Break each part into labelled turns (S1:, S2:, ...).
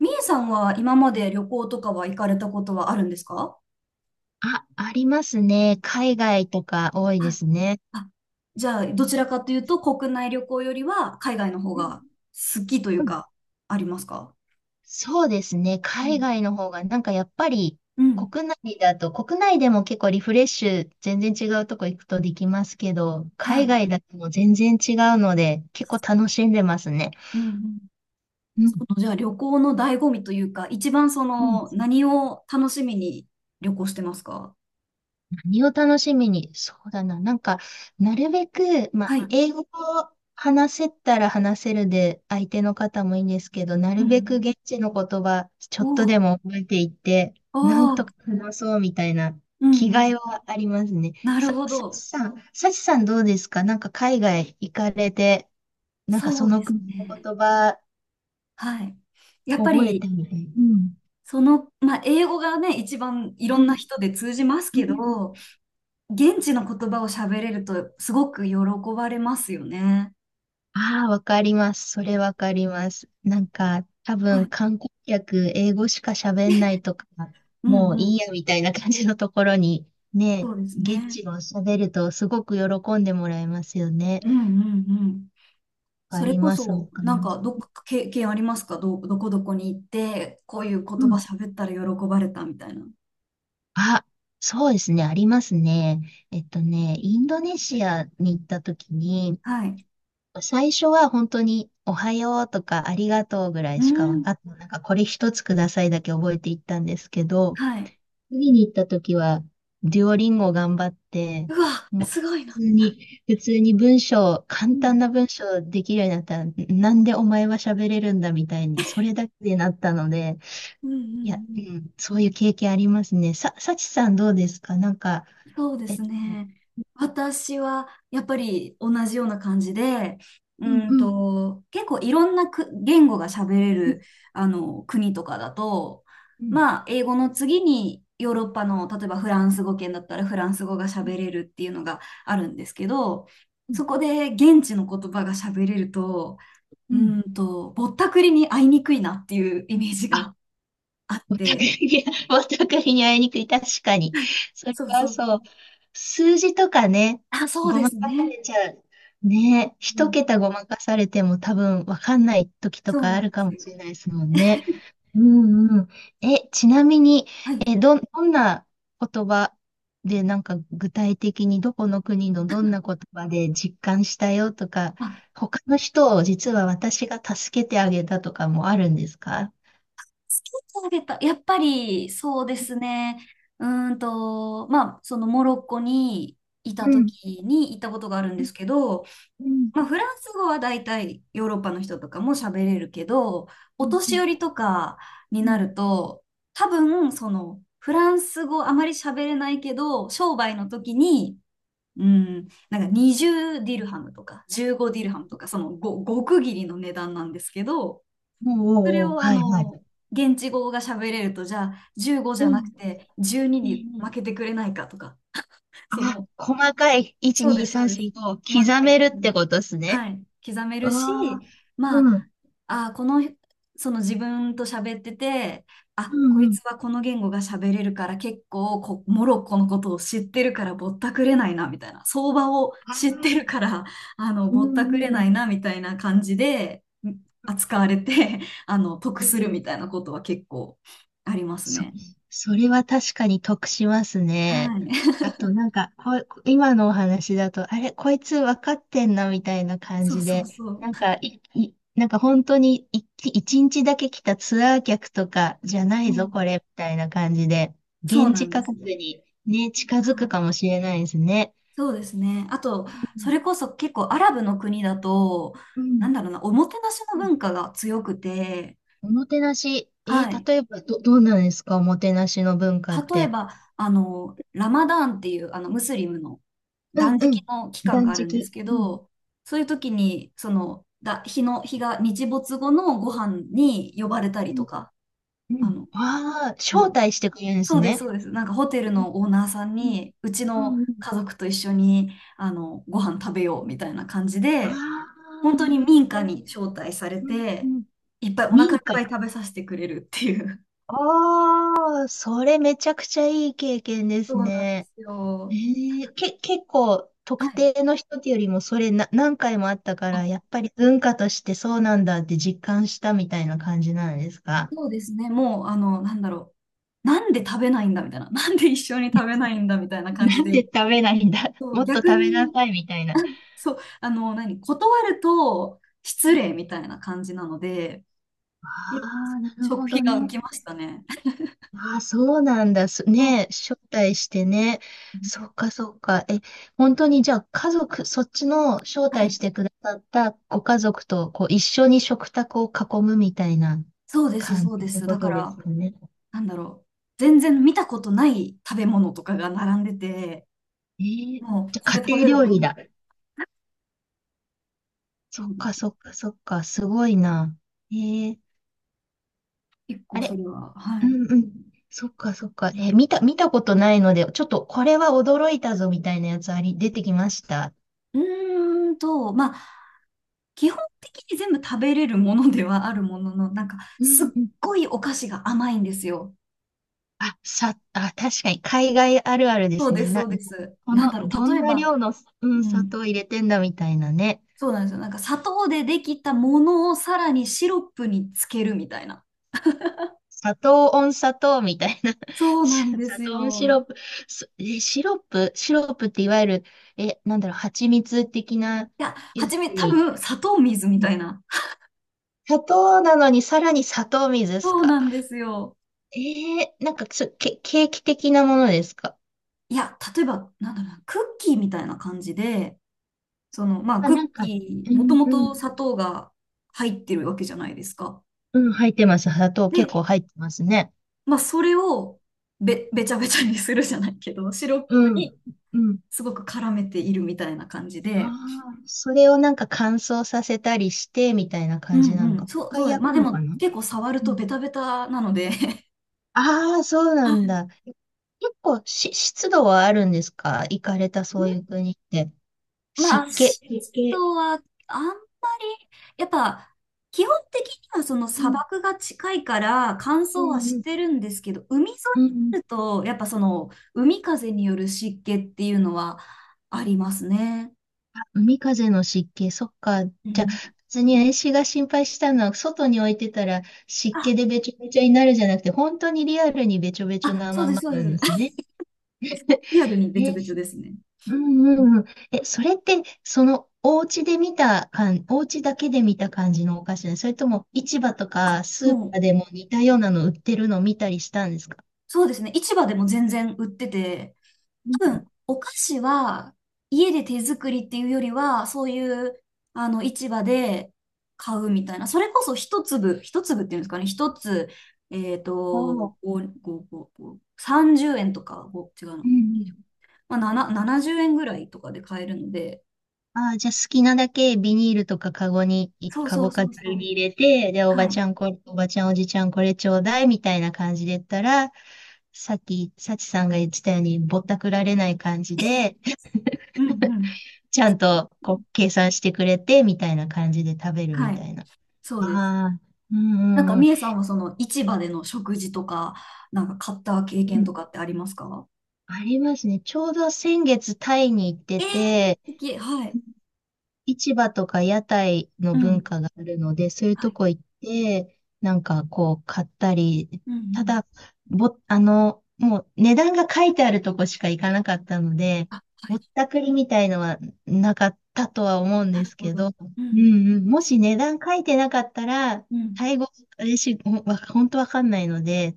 S1: みえさんは今まで旅行とかは行かれたことはあるんですか？
S2: あ、ありますね。海外とか多いで
S1: はい。
S2: すね。
S1: あ、じゃあ、どちらかというと、国内旅行よりは海外の方
S2: うん
S1: が好きとい
S2: う
S1: う
S2: ん。
S1: か、ありますか？
S2: そうですね。
S1: う
S2: 海
S1: ん。
S2: 外の方が、なんかやっぱり
S1: うん。
S2: 国内でも結構リフレッシュ、全然違うとこ行くとできますけど、
S1: は
S2: 海
S1: い。
S2: 外だともう全然違うので、結構楽しんでますね。
S1: うんうん。
S2: うん。
S1: じゃあ、旅行の醍醐味というか、一番何を楽しみに旅行してますか？
S2: 何を楽しみに、そうだな。なんか、なるべく、まあ、
S1: はい。
S2: 英語を話せたら話せるで、相手の方もいいんですけど、な
S1: う
S2: るべく
S1: ん。
S2: 現地の言葉、ちょ
S1: お
S2: っとで
S1: お。
S2: も覚えていって、
S1: お
S2: なん
S1: ー
S2: と
S1: おー。
S2: か話そうみたいな
S1: うんう
S2: 気概
S1: ん。
S2: はありますね。
S1: なる
S2: さ、
S1: ほ
S2: さち
S1: ど。
S2: さん、さちさんどうですか、なんか海外行かれて、なんか
S1: そ
S2: そ
S1: う
S2: の
S1: です
S2: 国の
S1: ね。
S2: 言葉
S1: はい。やっぱ
S2: 覚え
S1: り、
S2: てみたいな。うん。
S1: 英語がね、一番い
S2: う
S1: ろんな
S2: ん。
S1: 人で通じます
S2: う
S1: け
S2: ん。
S1: ど、現地の言葉を喋れるとすごく喜ばれますよね。
S2: ああ、わかります。それわかります。なんか、多
S1: は
S2: 分
S1: い。
S2: 観光客、英語しか喋んないとか、
S1: うん
S2: もう
S1: うん。
S2: いいやみたいな感じのところに、ね、
S1: そうです
S2: 現
S1: ね。
S2: 地語を喋るとすごく喜んでもらえますよね。
S1: うんうんうん。
S2: わ
S1: そ
S2: か
S1: れ
S2: り
S1: こ
S2: ます、わ
S1: そ、
S2: かり
S1: なん
S2: ま
S1: か、
S2: す。
S1: どっか経験ありますか？どこどこに行って、こういう言
S2: う
S1: 葉
S2: ん。
S1: 喋ったら喜ばれたみたいな。
S2: あ、そうですね、ありますね。インドネシアに行った時に、
S1: はい。
S2: 最初は本当におはようとかありがとうぐら
S1: う
S2: いしか分
S1: ん。
S2: かって、なんかこれ一つくださいだけ覚えていったんですけど、
S1: はい。
S2: 次に行った時は、デュオリンゴ頑張って、
S1: うわ、
S2: もう
S1: すごい
S2: 普
S1: な。
S2: 通に、普通に文章、
S1: う
S2: 簡単
S1: ん。
S2: な文章できるようになったら、なんでお前は喋れるんだみたいに、それだけでなったので、
S1: うんうん
S2: いや、
S1: う
S2: う
S1: ん。
S2: ん、そういう経験ありますね。さちさんどうですか、なんか、
S1: そうで
S2: えっ
S1: す
S2: と、
S1: ね。私はやっぱり同じような感じで、
S2: うんうん、
S1: 結構いろんなく言語が喋れ
S2: うん、
S1: るあの国とかだと、
S2: うん、
S1: まあ、英語の次にヨーロッパの、例えばフランス語圏だったらフランス語が
S2: う
S1: 喋れるっていうのがあるんですけど、
S2: ん、
S1: そこで現地の言葉が喋れると、
S2: うん。
S1: ぼったくりに会いにくいなっていうイメージがあっ
S2: お互
S1: て、
S2: いに、お互いに会いにくい。確かに。それ
S1: そう
S2: は
S1: そう。
S2: そう。数字とかね、
S1: あ、そう
S2: ご
S1: で
S2: ま
S1: す
S2: かさ
S1: ね。
S2: れちゃう。ね、
S1: う
S2: 一
S1: ん、
S2: 桁ごまかされても多分わかんない時と
S1: そう
S2: かあ
S1: なん
S2: る
S1: で
S2: か
S1: す
S2: もしれ
S1: よ。
S2: ないですもんね。うんうん。え、ちなみに、
S1: はい。
S2: え、どん、どんな言葉で、なんか具体的にどこの国のどんな言葉で実感したよとか、
S1: あ、
S2: 他の人を実は私が助けてあげたとかもあるんですか？
S1: つけてあげた。やっぱり、そうですね。まあ、そのモロッコにい
S2: う
S1: た
S2: ん。
S1: 時に行ったことがあるんですけど、
S2: うん
S1: まあ、フランス語は大体ヨーロッパの人とかも喋れるけど、
S2: う
S1: お年寄り
S2: ん
S1: とかに
S2: う
S1: な
S2: ん
S1: ると、多分、その、フランス語あまり喋れないけど、商売の時に、うん、なんか20ディルハムとか15ディルハムとか、そのご極切りの値段なんですけど、
S2: うん。おうお
S1: それ
S2: うおう、
S1: をあ
S2: はいはい。
S1: の、現地語が喋れると、じゃあ15じ
S2: う
S1: ゃなく
S2: ん。
S1: て12に
S2: ね
S1: 負
S2: え、
S1: けてくれないかとか、そ
S2: あ、
S1: の
S2: 細かい。1、
S1: そうで
S2: 2、
S1: す、そう
S2: 3、
S1: です。
S2: 4、5。
S1: 細か
S2: 刻
S1: い
S2: め
S1: こ
S2: るっ
S1: と
S2: て
S1: が。
S2: ことですね。
S1: はい。刻める
S2: う
S1: し、
S2: わあ。
S1: ま
S2: うん。
S1: あ、あ、この、その自分と喋ってて、あ、
S2: う
S1: こ
S2: ん
S1: い
S2: うん。
S1: つはこの言語が喋れるから結構モロッコのことを知ってるからぼったくれないな、みたいな。相場を
S2: あ
S1: 知っ
S2: あ。
S1: てるから、あの、
S2: う
S1: ぼったく
S2: ん
S1: れ
S2: う
S1: ないな、
S2: ん。
S1: みたいな感じでん扱われて、あの、得
S2: う
S1: す
S2: ん
S1: る
S2: う
S1: みたい
S2: ん。
S1: なことは結構あります
S2: そ、
S1: ね。
S2: それは確かに得しますね。
S1: はい。
S2: あとなんか、こう、今のお話だと、あれ、こいつ分かってんなみたいな感
S1: そう
S2: じ
S1: そう
S2: で、
S1: そう。
S2: なんか、本当に一日だけ来たツアー客とかじゃな
S1: う
S2: いぞ、
S1: ん。
S2: これ、みたいな感じで、
S1: そう
S2: 現
S1: な
S2: 地
S1: んで
S2: 価
S1: す
S2: 格
S1: よ。
S2: にね、近づ
S1: は
S2: く
S1: い。
S2: かもしれないですね。
S1: そうですね。あと、
S2: う
S1: そ
S2: ん、
S1: れこそ結構アラブの国だと、
S2: う
S1: な
S2: ん、
S1: んだろうな、おもてなしの
S2: うん。
S1: 文化が強くて、
S2: おもてなし、
S1: はい。
S2: 例えばどうなんですか、おもてなしの文化っ
S1: 例え
S2: て。
S1: ば、あの、ラマダーンっていう、あの、ムスリムの
S2: うん、
S1: 断
S2: う
S1: 食
S2: ん、
S1: の期間が
S2: 断
S1: あるんです
S2: 食。
S1: け
S2: うん、
S1: ど、そういう時に、その、だ、日の、日が日没後のご飯に呼ばれたり
S2: う
S1: と
S2: ん
S1: か、
S2: う
S1: あ
S2: ん。
S1: の、
S2: ああ、
S1: なんだ
S2: 招
S1: ろう。
S2: 待してくれるんです
S1: そうです、
S2: ね。
S1: そうです。なんかホテル
S2: うん、
S1: のオーナーさん
S2: うん、
S1: に、うち
S2: う
S1: の
S2: ん。うん。
S1: 家族と一緒に、あの、ご飯食べようみたいな感じ
S2: あ
S1: で、
S2: あ、
S1: 本当
S2: な
S1: に
S2: るほ
S1: 民家
S2: ど。
S1: に招待され
S2: うん、う
S1: て、
S2: ん。
S1: いっぱいお腹
S2: 民
S1: いっぱ
S2: 家。
S1: い食べさせてくれるっていう。
S2: ああ、それめちゃくちゃいい経験で
S1: そ
S2: す
S1: うなんで
S2: ね。
S1: すよ。
S2: ええ、結構
S1: は
S2: 特
S1: い。
S2: 定の人ってよりもそれな、何回もあったか
S1: あ、
S2: ら、やっぱり文化としてそうなんだって実感したみたいな感じなんですか？
S1: そうですね。もう、あの、なんだろう。なんで食べないんだみたいな。なんで一緒に 食べないんだみたいな感
S2: な
S1: じ
S2: んで
S1: で。
S2: 食べないんだ、
S1: そう、
S2: もっと
S1: 逆
S2: 食べな
S1: に、
S2: さいみたいな。
S1: そう、あの、断ると失礼みたいな感じなので、
S2: あ
S1: 結構
S2: あ、なる
S1: 食
S2: ほ
S1: 費
S2: ど
S1: が浮
S2: ね。
S1: きましたね。
S2: ああ、そうなんだ。す
S1: うん。
S2: ね、招待してね。そうか、そうか。え、本当にじゃあそっちの招
S1: は
S2: 待
S1: い、
S2: してくださったご家族とこう一緒に食卓を囲むみたいな
S1: そうです、
S2: 感
S1: そう
S2: じっ
S1: で
S2: て
S1: す。
S2: こ
S1: だか
S2: とです
S1: ら、
S2: かね。
S1: なんだろう、全然見たことない食べ物とかが並んでて、
S2: えー、
S1: もう、
S2: じゃ
S1: こ
S2: あ
S1: れ食
S2: 家
S1: べる
S2: 庭料
S1: 食
S2: 理
S1: べる。
S2: だ。
S1: そ
S2: そっ
S1: うで
S2: か、
S1: す。
S2: そっか、そっか。すごいな。えー、
S1: 結
S2: あ
S1: 構そ
S2: れ。
S1: れは、は
S2: う
S1: い。
S2: んうん。そっか、そっか。見たことないので、ちょっとこれは驚いたぞみたいなやつあり、出てきました。
S1: うまあ、基本的に全部食べれるものではあるものの、なんか、
S2: う
S1: すっ
S2: んうん。
S1: ごいお菓子が甘いんですよ。
S2: あ、確かに海外あるあるで
S1: そう
S2: す
S1: で
S2: ね。
S1: す、そ
S2: な、
S1: うです。
S2: こ
S1: なん
S2: の、
S1: だろう、
S2: ど
S1: 例
S2: ん
S1: え
S2: な
S1: ば、
S2: 量の、うん、
S1: う
S2: 砂
S1: ん、
S2: 糖入れてんだみたいなね。
S1: そうなんですよ。なんか、砂糖でできたものをさらにシロップにつけるみたいな。
S2: 砂糖温砂糖みたいな。
S1: そうなんで
S2: 砂
S1: す
S2: 糖温シ
S1: よ。
S2: ロップ。シロップ、シロップっていわゆる、え、なんだろう、蜂蜜的な
S1: いや、は
S2: やつ
S1: じめ、多
S2: に。
S1: 分、砂糖水み
S2: う
S1: た
S2: ん。
S1: いな。
S2: 砂糖なのにさらに砂糖水です
S1: そう
S2: か。
S1: なんですよ。
S2: えー、なんかケーキ的なものですか。
S1: いや、例えば、なんだろうな、クッキーみたいな感じで、
S2: あ、
S1: クッ
S2: なんか、
S1: キ
S2: う
S1: ー、もと
S2: ん、
S1: も
S2: うん、
S1: と砂糖が入ってるわけじゃないですか。
S2: うん、入ってます。砂糖結
S1: で、
S2: 構入ってますね。
S1: まあ、それをべちゃべちゃにするじゃないけど、シロッ
S2: う
S1: プに
S2: ん、うん。
S1: すごく絡めているみたいな感じ
S2: あ
S1: で、
S2: あ、それをなんか乾燥させたりして、みたいな
S1: う
S2: 感じなの
S1: んう
S2: か。
S1: ん、
S2: もう
S1: そ
S2: 一
S1: う、そ
S2: 回
S1: うだ、
S2: 焼
S1: まあ
S2: く
S1: で
S2: のか
S1: も
S2: な。
S1: 結構触る
S2: う
S1: と
S2: ん。
S1: ベタベタなので
S2: ああ、そう
S1: は
S2: なん
S1: い。
S2: だ。結構湿度はあるんですか、行かれたそういう国って。
S1: ま
S2: 湿
S1: あ、
S2: 気。
S1: 湿
S2: 湿気。
S1: 度はあんまり、やっぱ、基本的にはその
S2: う
S1: 砂
S2: ん。
S1: 漠が近いから乾
S2: う
S1: 燥は
S2: ん
S1: し
S2: う
S1: て
S2: ん。
S1: るんですけど、海沿い
S2: うんうん。
S1: になると、やっぱその海風による湿気っていうのはありますね。
S2: あ、海風の湿気。そっか。じ
S1: う
S2: ゃあ、
S1: ん。
S2: 別に私が心配したのは、外に置いてたら湿気
S1: あ、
S2: でべちょべちょになるじゃなくて、本当にリアルにべちょべちょ
S1: あ、
S2: な
S1: そう
S2: ま
S1: です、
S2: ま
S1: そう
S2: な
S1: で
S2: ん
S1: す。
S2: です ね。
S1: リアルにべちょ
S2: えー
S1: べちょ
S2: す。
S1: ですね。
S2: うんうんうん。え、それって、その、お家で見た感、お家だけで見た感じのお菓子ね。それとも、市場とかスー
S1: も
S2: パ
S1: う、
S2: ーでも似たようなの売ってるのを見たりしたんですか？
S1: そうですね。市場でも全然売ってて、
S2: うん。
S1: 多分、お菓子は家で手作りっていうよりは、そういう、あの、市場で買うみたいな。それこそ一粒、一粒っていうんですかね。一つ、
S2: おー。
S1: 5、30円とか、違うの。
S2: うんうん。
S1: まあ、70円ぐらいとかで買えるので。
S2: ああ、じゃあ好きなだけビニールとかカゴに、
S1: そう
S2: カ
S1: そ
S2: ゴ
S1: うそ
S2: かざ
S1: うそ
S2: る
S1: う。
S2: に入れて、で、おば
S1: は
S2: ち
S1: い。
S2: ゃんこれ、おばちゃんおじちゃんこれちょうだいみたいな感じで言ったら、さっき、さちさんが言ってたように、ぼったくられない感じで、
S1: うんうん。
S2: ちゃ
S1: そ
S2: ん
S1: うで
S2: と
S1: すね。
S2: こう計算してくれて、みたいな感じで食べる
S1: は
S2: みた
S1: い。
S2: いな。
S1: そうです。
S2: ああ、うんう
S1: なんか、
S2: んうん。
S1: みえさんはその市場での食事とか、なんか買った経
S2: う
S1: 験と
S2: ん。
S1: かってありますか？
S2: ありますね。ちょうど先月タイに行って
S1: ええ
S2: て、
S1: ー、好き。はい。
S2: 市場とか屋台の
S1: う
S2: 文
S1: ん。
S2: 化があるので、そういう
S1: は
S2: と
S1: い。
S2: こ行って、なんかこう買ったり、
S1: うんう
S2: た
S1: ん。
S2: だ、ぼ、あの、もう値段が書いてあるとこしか行かなかったので、
S1: あ、は
S2: ぼ
S1: い。
S2: ったくりみたいのはなかったとは思うん
S1: な
S2: で
S1: る
S2: す
S1: ほ
S2: け
S1: ど。
S2: ど、
S1: う
S2: うん
S1: ん
S2: うん、もし値段書いてなかったら、
S1: うん。
S2: タイ語、私、ほんわ本当わかんないので、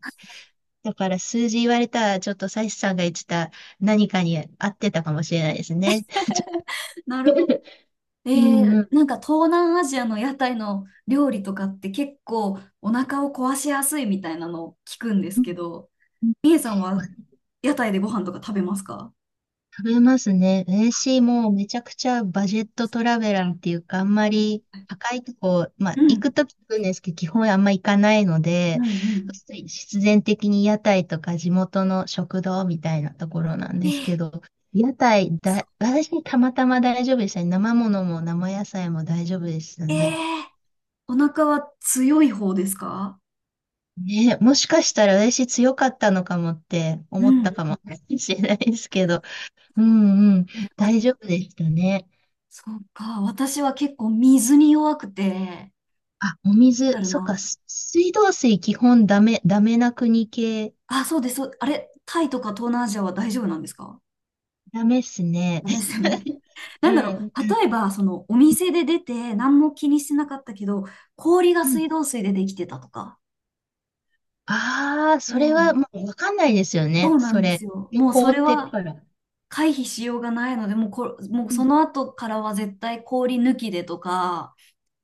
S2: だから数字言われたら、ちょっとサイスさんが言ってた何かに合ってたかもしれないですね。ちょ
S1: なるほど。え
S2: うんうん。
S1: なんか東南アジアの屋台の料理とかって結構お腹を壊しやすいみたいなのを聞くんです
S2: うん
S1: けど、
S2: うん。
S1: みえさんは屋台でご飯とか食べますか？
S2: 食べますね。私もうめちゃくちゃバジェットトラベラーっていうか、あんまり高いとこ、ま
S1: う
S2: あ行
S1: ん
S2: くとき行くんですけど、基本あんま行かないの
S1: う
S2: で、
S1: んう
S2: そう
S1: ん。
S2: すると必然的に屋台とか地元の食堂みたいなところなん
S1: え
S2: ですけ
S1: ー、
S2: ど、屋台だ、
S1: そ
S2: 私たまたま大丈夫でしたね。生ものも生野菜も大丈夫でした
S1: え
S2: ね。
S1: ー、お腹は強い方ですか？
S2: ね、もしかしたら私強かったのかもって
S1: う
S2: 思ったか
S1: ん。
S2: も しれないですけど、うんうん、
S1: えわ
S2: 大丈夫でしたね。
S1: そうか、私は結構水に弱くて、
S2: あ、お水、
S1: だろう
S2: そっか、
S1: な。
S2: 水道水基本ダメ、な国系、
S1: あ、そうです。そうあれ、タイとか東南アジアは大丈夫なんですか？
S2: ダメっすね。
S1: ダメですよね。
S2: う
S1: なんだろう、
S2: ん。
S1: 例えば、その、お店で出て、何も気にしてなかったけど、氷が
S2: うん。
S1: 水道水でできてたとか。
S2: ああ、
S1: お
S2: それ
S1: う
S2: は
S1: ん、
S2: もうわかんないですよ
S1: そ
S2: ね、
S1: うなん
S2: そ
S1: です
S2: れ。
S1: よ。もう
S2: 凍
S1: それ
S2: ってる
S1: は
S2: から。
S1: 回避しようがないので、もう
S2: う
S1: そ
S2: ん。
S1: の後からは絶対氷抜きでとか、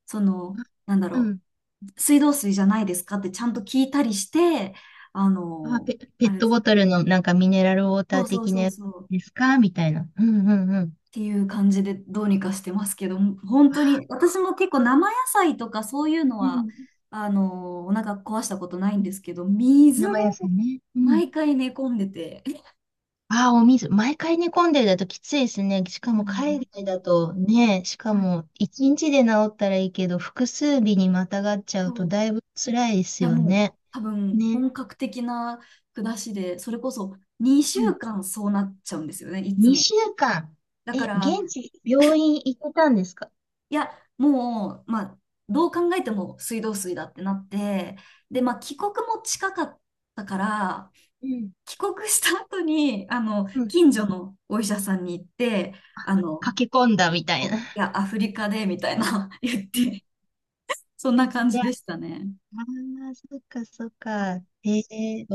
S1: その、なんだ
S2: う
S1: ろ
S2: ん。
S1: う、水道水じゃないですかってちゃんと聞いたりして、あ
S2: あ、
S1: の、
S2: ペ
S1: あ
S2: ッ
S1: れで
S2: ト
S1: す。
S2: ボトルのなんかミネラルウォータ
S1: そ
S2: ー
S1: うそう
S2: 的な
S1: そう
S2: やつ
S1: そう。
S2: ですかみたいな。うんうんうん。
S1: ていう感じでどうにかしてますけど、本当に私も結構生野菜とかそういうの
S2: う
S1: は
S2: ん。
S1: あのお腹壊したことないんですけど、水で
S2: 生野菜ね。うん。
S1: 毎回寝込んでて、え、
S2: ああ、お水、毎回煮込んでるだときついですね。し
S1: そ
S2: か
S1: う
S2: も
S1: なんで
S2: 海
S1: す
S2: 外
S1: ね。
S2: だとね、しか
S1: はい。
S2: も一日で治ったらいいけど、複数日にまたがっちゃ
S1: そ
S2: うと
S1: う。
S2: だいぶ辛いで
S1: い
S2: す
S1: や、
S2: よ
S1: もう、
S2: ね。
S1: 多分
S2: ね。
S1: 本格的な下しで、それこそ2
S2: うん。
S1: 週間そうなっちゃうんですよね、いつも。
S2: 2週間。
S1: だ
S2: え、
S1: から、
S2: 現地、病院行ってたんですか？
S1: いや、もう、まあ、どう考えても水道水だってなって、で、まあ、帰国も近かったから、
S2: うん。
S1: 帰国した後に、あの、
S2: うん。
S1: 近所のお医者さんに行って、
S2: あ、
S1: あの、
S2: 駆け込んだみたいな。
S1: いや、アフリカで、みたいな 言っ
S2: うん。
S1: て、そんな
S2: い
S1: 感じ
S2: や、
S1: で
S2: あ
S1: したね。
S2: あ、そっかそっか。ええ